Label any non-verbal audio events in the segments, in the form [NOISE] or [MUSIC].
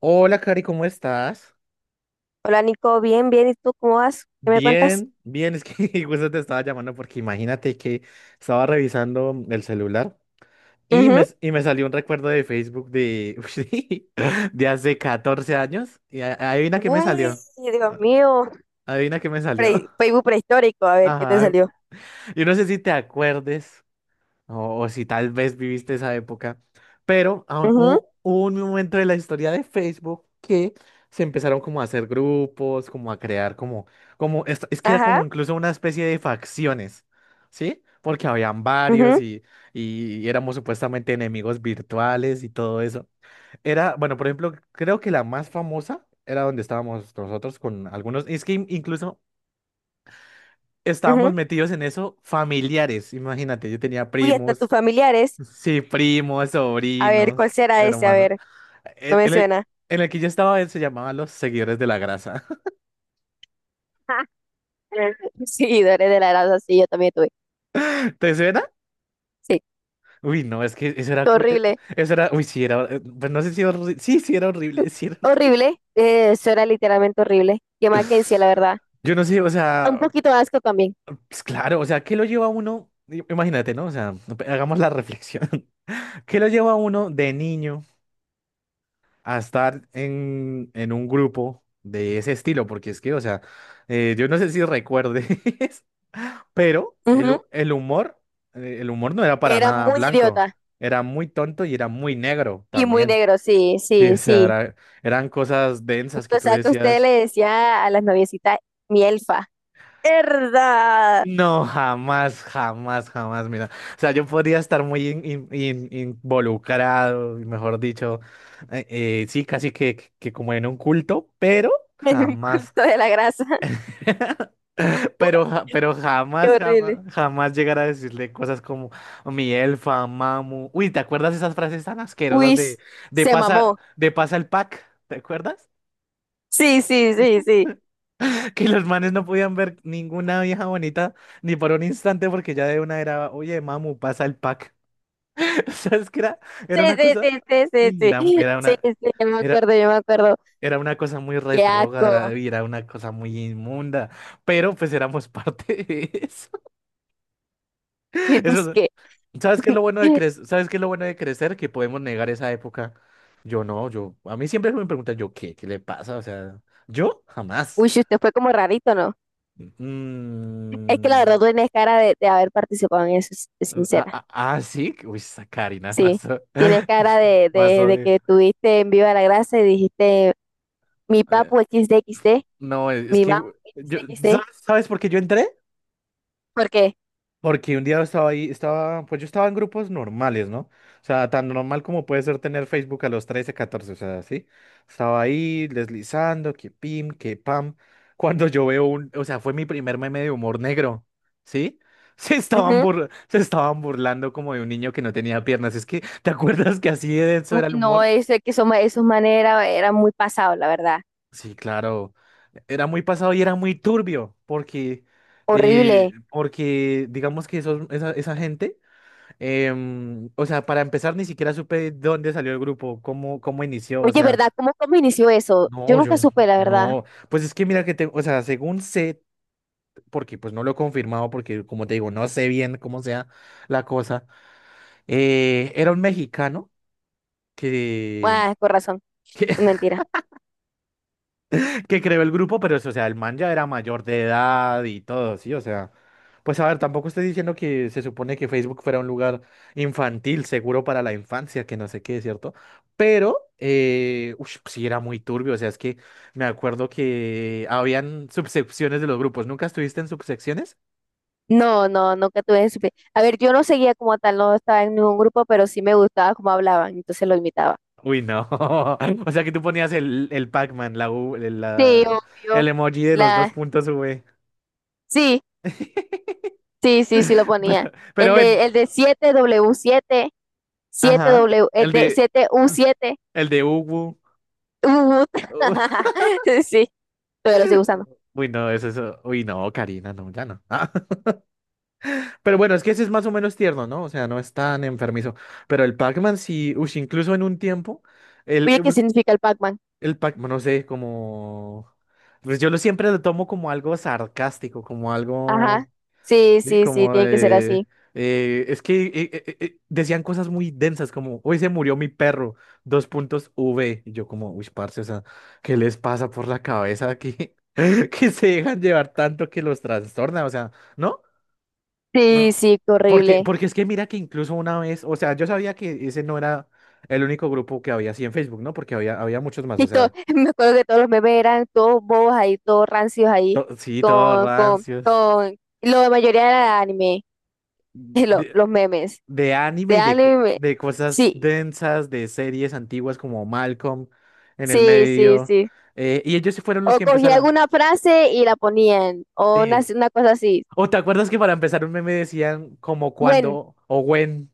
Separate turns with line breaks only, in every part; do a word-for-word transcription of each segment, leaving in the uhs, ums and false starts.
Hola, Cari, ¿cómo estás?
Hola Nico, bien, bien. ¿Y tú cómo vas? ¿Qué me cuentas?
Bien, bien, es que [LAUGHS] justo te estaba llamando porque imagínate que estaba revisando el celular y
Ujú.
me, y me salió un recuerdo de Facebook de, [LAUGHS] de hace catorce años y a- adivina qué
Uy,
me salió.
Dios
a-
mío.
Adivina qué me salió.
Pre-
[LAUGHS]
Facebook prehistórico, a ver qué te
Ajá.
salió.
Yo no sé si te acuerdes. O, o si tal vez viviste esa época. Pero ah,
Ujú.
hubo, hubo un momento de la historia de Facebook que se empezaron como a hacer grupos, como a crear como, como, es, es que era
Ajá.
como incluso una especie de facciones, ¿sí? Porque habían varios
Ujú.
y, y éramos supuestamente enemigos virtuales y todo eso. Era, bueno, por ejemplo, creo que la más famosa era donde estábamos nosotros con algunos, es que in- incluso estábamos
Ujú.
metidos en eso familiares, imagínate, yo tenía
Uy, hasta tus
primos.
familiares.
Sí, primos,
A ver, ¿cuál
sobrinos,
será ese? A
hermanos.
ver, no
En
me
en el,
suena.
en el que yo estaba, él se llamaba Los Seguidores de la Grasa.
[LAUGHS] Seguidores de la grasa, sí, yo también tuve.
[LAUGHS] ¿Te suena?
Sí,
Uy, no, es que eso era, eh,
horrible.
eso era, uy, sí, era, eh, pues no sé si horrible, sí, sí era horrible, [LAUGHS] sí era horrible.
Horrible. Eh, eso era literalmente horrible. Que Mackenzie, la verdad.
[LAUGHS] Yo no sé, o
Un
sea,
poquito de asco también.
pues claro, o sea, ¿qué lo lleva a uno? I- Imagínate, ¿no? O sea, hagamos la reflexión. [LAUGHS] ¿Qué lo lleva a uno de niño a estar en, en un grupo de ese estilo? Porque es que, o sea, eh, yo no sé si recuerdes, [LAUGHS] pero el,
Ujú.
hu- el humor, eh, el humor no era para
Era
nada
muy
blanco,
idiota
era muy tonto y era muy negro
y muy
también.
negro, sí,
Sí,
sí,
o sea,
sí.
era- eran cosas densas que
O
tú
sea, que usted le
decías.
decía a las noviecitas, mi elfa. ¡Herda! [LAUGHS]
No, jamás, jamás, jamás, mira. O sea, yo podría estar muy in- in- in- involucrado, mejor dicho, eh, eh, sí, casi que, que como en un culto, pero
Me dio
jamás.
culto [LAUGHS] de la grasa.
[LAUGHS] Pero, ja-
[LAUGHS]
pero
Qué
jamás, jamás,
horrible.
jamás llegar a decirle cosas como mi elfa, mamu. Uy, ¿te acuerdas esas frases tan asquerosas
Uy,
de, de
se
pasa,
mamó.
de pasa el pack? ¿Te acuerdas?
Sí, sí, sí,
[LAUGHS]
sí.
Que los manes no podían ver ninguna vieja bonita ni por un instante porque ya de una era, oye, mamu, pasa el pack. [LAUGHS] ¿Sabes qué era?
Sí,
Era una
sí,
cosa,
sí, sí, sí,
uy,
sí.
era, era
Sí,
una,
sí, yo me
era,
acuerdo, yo me acuerdo.
era una cosa muy
Qué
retrógrada
asco.
y
[LAUGHS]
era una cosa muy inmunda, pero pues éramos [LAUGHS] parte de eso.
Y
[LAUGHS]
pues
Eso.
que,
¿Sabes qué es lo bueno
[LAUGHS]
de crecer? ¿Sabes qué es lo bueno de crecer? Que podemos negar esa época. Yo no, yo, a mí siempre me preguntan, yo, ¿qué? ¿Qué le pasa? O sea, yo jamás.
uy, usted fue como rarito, ¿no? Es que la verdad
Mm,
tú tienes cara de, de haber participado en eso, si-
ah,
sincera.
ah, ah, sí, uy, esa Karina es
Sí.
más, o-
Tienes
[LAUGHS]
cara de,
más
de, de
odio.
que tuviste en Viva la Grasa y dijiste, mi
Eh,
papu equis de equis de.
no, es
Mi
que
mamá,
yo,
sí, sí,
¿sabes, sabes por qué yo entré?
porque,
Porque un día estaba ahí, estaba, pues yo estaba en grupos normales, ¿no? O sea, tan normal como puede ser tener Facebook a los trece catorce, o sea, sí. Estaba ahí deslizando, que pim, que pam. Cuando yo veo un, o sea, fue mi primer meme de humor negro, ¿sí? [LAUGHS] Se estaban
ujú.
burla- se estaban burlando como de un niño que no tenía piernas. Es que, ¿te acuerdas que así de denso
Uy,
era el
no,
humor?
eso es que eso, esos manes era, muy pasado, la verdad.
Sí, claro. Era muy pasado y era muy turbio, porque, eh,
Horrible.
porque digamos que esos, esa esa gente. Em, o sea, para empezar, ni siquiera supe dónde salió el grupo, cómo, cómo inició, o
Oye,
sea,
¿verdad? ¿Cómo, cómo inició eso? Yo
no, yo
nunca
no,
supe, la verdad.
no, pues es que mira que te, o sea, según sé, porque pues no lo he confirmado, porque como te digo, no sé bien cómo sea la cosa, eh, era un mexicano que,
Ah, con razón,
[LAUGHS] que
mentira.
que creó el grupo, pero eso, o sea, el man ya era mayor de edad y todo, sí, o sea, pues a ver, tampoco estoy diciendo que se supone que Facebook fuera un lugar infantil, seguro para la infancia, que no sé qué, ¿cierto? Pero, eh, ush, sí era muy turbio, o sea, es que me acuerdo que habían subsecciones de los grupos, ¿nunca estuviste en subsecciones?
No, no, nunca tuve supe. A ver, yo no seguía como tal, no estaba en ningún grupo, pero sí me gustaba cómo hablaban, entonces lo imitaba.
Uy, no, [LAUGHS] o sea, que tú ponías el, el Pac-Man, la, U-
Sí,
la-
obvio.
el emoji de los dos
La,
puntos V.
sí, sí, sí, sí lo
[LAUGHS]
ponía.
Pero, pero
El
bueno,
de, el de siete w siete, siete
Ajá.
w el
El
de
de.
siete u siete.
El de Ubu.
Uh, [LAUGHS]
[LAUGHS]
sí, todavía lo estoy usando.
Uy, no, es eso. Uy, no, Karina, no, ya no. Ah, [LAUGHS] pero bueno, es que ese es más o menos tierno, ¿no? O sea, no es tan enfermizo. Pero el Pac-Man sí, uy, incluso en un tiempo, el,
Oye,
eh,
¿qué
pues,
significa el Pac-Man?
el Pac-Man, no sé, como... Pues yo lo siempre lo tomo como algo sarcástico, como
Ajá.
algo...
Sí,
Sí,
sí, sí,
como
tiene que ser
de...
así.
eh, es que eh, eh, eh, eh, decían cosas muy densas, como, hoy se murió mi perro, dos puntos V. Y yo como, uy, parce, o sea, ¿qué les pasa por la cabeza aquí? [LAUGHS] Que se dejan llevar tanto que los trastorna, o sea, ¿no?
Sí,
No.
sí, qué
Porque,
horrible.
porque es que mira que incluso una vez, o sea, yo sabía que ese no era el único grupo que había así en Facebook, ¿no? Porque había, había muchos más, o
Y todo,
sea,
[LAUGHS] me acuerdo que todos los memes eran todos bobos ahí, todos rancios ahí,
to- sí, todos
con, con,
rancios.
con, la mayoría era anime, [LAUGHS] lo- los memes
De anime
de
y de, co-
anime.
de cosas
Sí,
densas, de series antiguas como Malcolm en el
sí, sí,
medio.
sí.
eh, y ellos sí fueron los
O
que
cogía
empezaron.
alguna frase y la ponían, o una,
Sí.
una cosa así.
¿O te acuerdas que para empezar un meme decían como
Buen,
cuando o when,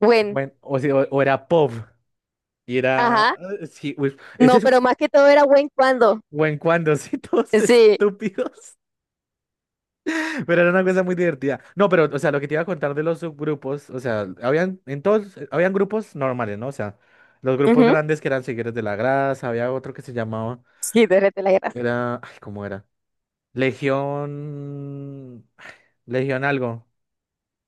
buen,
when o, si- o- o era pop y era
ajá.
eh, sí, uy, ese
No,
es
pero más que todo era buen cuando.
when cuando, [LAUGHS] sí, todos
Sí.
estúpidos. Pero era una cosa muy divertida. No, pero, o sea, lo que te iba a contar de los subgrupos, o sea, habían, en todos, eh, habían grupos normales, ¿no? O sea, los grupos
Ujú.
grandes que eran Seguidores de la Grasa, había otro que se llamaba,
Sí, derrete la grasa.
era, ay, ¿cómo era? Legión, Legión algo,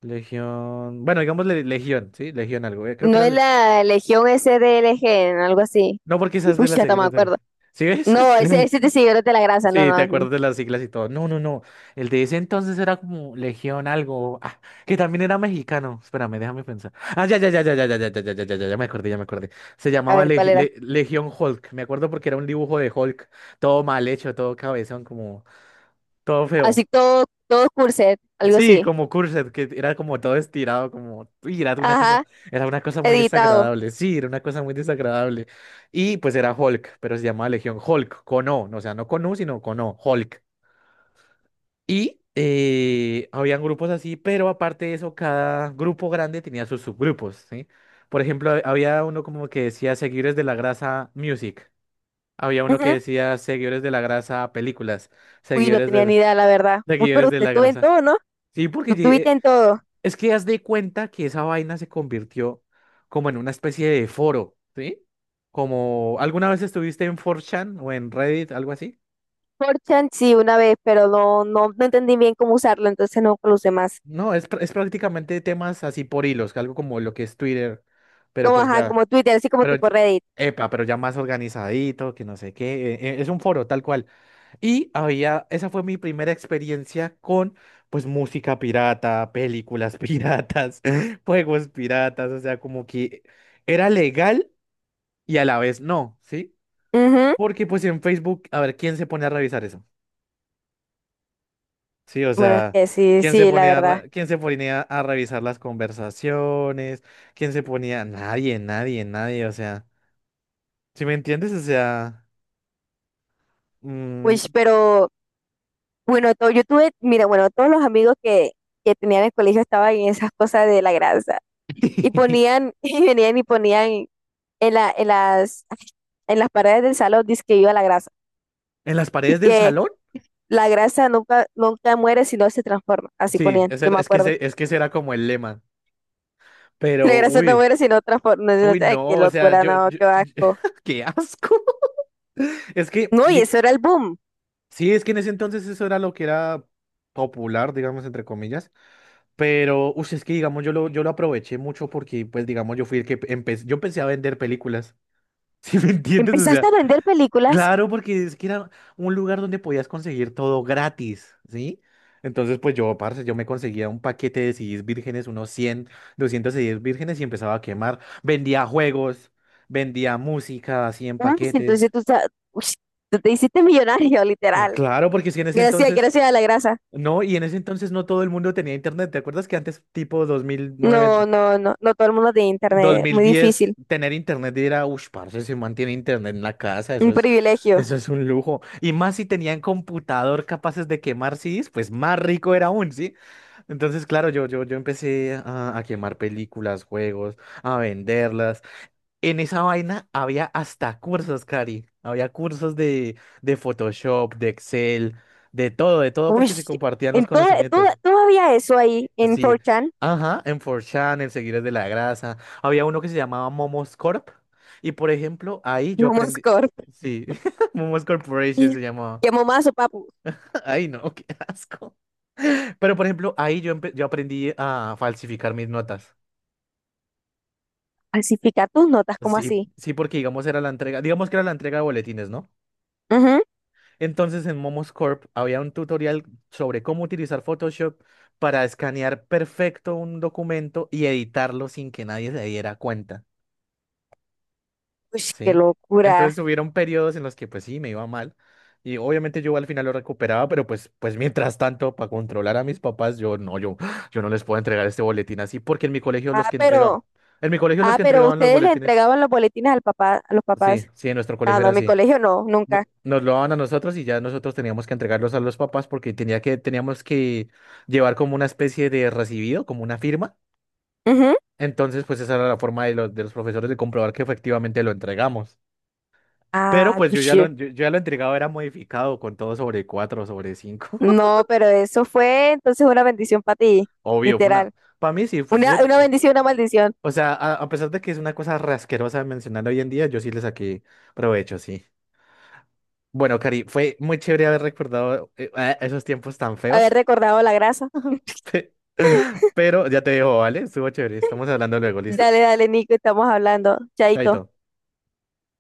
Legión, bueno, digamos le- Legión, ¿sí? Legión algo, eh, creo que
No
era,
es
le-
la Legión S D L G algo así.
no, porque esa es de las
Pucha, hasta me
Seguidores de la...
acuerdo.
¿Sí ves?
No, ese,
[LAUGHS]
ese te siguió de la grasa, no,
Sí, te
no.
acuerdas de las siglas y todo. No, no, no. El de ese entonces era como Legión algo. Ah, que también era mexicano. Espérame, déjame pensar. Ah, ya, ya, ya, ya, ya, ya, ya, ya, ya, ya, ya, ya, ya me acordé, ya me acordé. Se
A
llamaba
ver, ¿cuál
Leg-
era?
Le- Legión Hulk. Me acuerdo porque era un dibujo de Hulk. Todo mal hecho, todo cabezón, como todo feo.
Así todo, todo corset, algo
Sí,
así.
como Cursed, que era como todo estirado, como. Uy, era una cosa,
Ajá,
era una cosa muy
editado.
desagradable. Sí, era una cosa muy desagradable. Y pues era Hulk, pero se llamaba Legión Hulk, con O. No, o sea, no con U, sino con O, Hulk. Y eh, habían grupos así, pero aparte de eso, cada grupo grande tenía sus subgrupos, ¿sí? Por ejemplo, ha- había uno como que decía seguidores de la grasa music, había uno que
Ujú.
decía seguidores de la grasa películas,
Uy, no
seguidores
tenía ni
de,
idea, la verdad. Uy, pero
seguidores de
usted
la
tuvo en
grasa.
todo, ¿no?
Sí, porque
Tú tuviste
ye-
en todo.
es que haz de cuenta que esa vaina se convirtió como en una especie de foro, ¿sí? Como, ¿alguna vez estuviste en cuatro chan o en Reddit, algo así?
4 Sí, una vez, pero no, no, no entendí bien cómo usarlo, entonces no lo usé más.
No, es, pr- es prácticamente temas así por hilos, algo como lo que es Twitter, pero
Como,
pues
ajá,
ya,
como Twitter, así como
pero,
tipo
ya-
Reddit.
epa, pero ya más organizadito, que no sé qué, eh, eh, es un foro tal cual. Y había, esa fue mi primera experiencia con, pues, música pirata, películas piratas, [LAUGHS] juegos piratas, o sea, como que era legal y a la vez no, ¿sí?
Ujú.
Porque pues en Facebook, a ver, ¿quién se pone a revisar eso? Sí, o
Bueno, es
sea,
que sí,
¿quién se
sí, la
ponía a,
verdad.
re- quién se ponía a revisar las conversaciones? ¿Quién se ponía? Nadie, nadie, nadie, o sea, ¿sí me entiendes? O sea,
Uy,
mm,
pero bueno, todo, yo tuve, mira, bueno, todos los amigos que, que tenía en el colegio estaban en esas cosas de la grasa. Y
[LAUGHS]
ponían, [LAUGHS] y venían y ponían en la, en las, en las paredes del salón, dice que iba la grasa.
¿en las
Y
paredes del
que
salón?
la grasa nunca, nunca muere, sino se transforma. Así
Sí,
ponían,
ese
yo
era-
me
es que
acuerdo.
ese, es
[LAUGHS]
que ese era como el lema,
La
pero
grasa no
uy,
muere, sino transforma. No, no,
uy,
ay, qué
no, o sea,
locura,
yo,
no,
yo-
qué
yo-
asco.
[LAUGHS] qué asco. [LAUGHS] Es que,
No, y
ye-
eso era el boom.
sí, es que en ese entonces eso era lo que era popular, digamos, entre comillas. Pero, uy, es que digamos, yo lo, yo lo aproveché mucho porque, pues, digamos, yo fui el que empecé, yo empecé a vender películas, [LAUGHS] ¿sí me entiendes? O
Empezaste a
sea,
vender películas.
claro, porque es que era un lugar donde podías conseguir todo gratis, ¿sí? Entonces, pues yo, parce, yo me conseguía un paquete de ce des vírgenes, unos cien, doscientos ce des vírgenes y empezaba a quemar. Vendía juegos, vendía música, así en
Uf,
paquetes.
entonces tú, sa- ush, tú te hiciste millonario, [LAUGHS]
Oh,
literal.
claro, porque si en ese
Gracias,
entonces,
gracias a la grasa.
no, y en ese entonces no todo el mundo tenía internet. ¿Te acuerdas que antes, tipo dos mil nueve,
No, no, no, no todo el mundo tiene internet, muy
dos mil diez,
difícil,
tener internet y era, uff, parce, se mantiene internet en la casa, eso
un
es,
privilegio.
eso es un lujo. Y más si tenían computador capaces de quemar ce des, pues más rico era aún, ¿sí? Entonces, claro, yo, yo, yo empecé a, a quemar películas, juegos, a venderlas. En esa vaina había hasta cursos, Cari. Había cursos de, de Photoshop, de Excel, de todo, de todo,
Uy,
porque se compartían los
en toda,
conocimientos.
toda- todavía eso ahí en
Sí,
cuatro chan,
ajá, en cuatro chan, en Seguidores de la Grasa. Había uno que se llamaba Momos corp. Y por ejemplo, ahí yo
[LAUGHS] no
aprendí.
corp.
Sí, [LAUGHS] Momos Corporation se llamaba.
Llamó más o papu,
[LAUGHS] Ay, no, qué asco. Pero por ejemplo, ahí yo, empe- yo aprendí a falsificar mis notas.
¿falsifica tus notas? Como
Sí,
así?
sí, porque digamos era la entrega, digamos que era la entrega de boletines, ¿no?
Ujú.
Entonces en Momos Corp había un tutorial sobre cómo utilizar Photoshop para escanear perfecto un documento y editarlo sin que nadie se diera cuenta.
Uy, qué
Sí. Entonces
locura.
hubieron periodos en los que pues sí, me iba mal. Y obviamente yo al final lo recuperaba, pero pues, pues mientras tanto, para controlar a mis papás, yo no, yo, yo no les puedo entregar este boletín así, porque en mi colegio los
Ah,
que entregaban,
pero,
en mi colegio los
ah,
que
pero
entregaban los
ustedes le
boletines,
entregaban los boletines al papá, a los
sí,
papás.
sí, en nuestro
Ah,
colegio
no,
era
en mi
así.
colegio no,
No-
nunca.
Nos lo daban a nosotros y ya nosotros teníamos que entregarlos a los papás porque tenía que, teníamos que llevar como una especie de recibido, como una firma.
Ujú.
Entonces, pues esa era la forma de los, de los profesores de comprobar que efectivamente lo entregamos. Pero
Ah,
pues yo ya lo,
uy,
yo, yo ya lo entregado era modificado con todo sobre cuatro sobre cinco. [LAUGHS]
no, pero eso fue entonces una bendición para ti,
Obvio, fue
literal.
una... Para mí sí, pues,
Una,
yo-
una bendición, una maldición,
o sea, a, a pesar de que es una cosa rasquerosa mencionar hoy en día, yo sí le saqué provecho, sí. Bueno, Cari, fue muy chévere haber recordado eh, eh, esos tiempos tan
haber
feos.
recordado la grasa.
[LAUGHS] Pero ya te dejo, ¿vale? Estuvo chévere. Estamos hablando luego, ¿listo?
Dale, dale, Nico, estamos hablando. Chaito.
Chaito.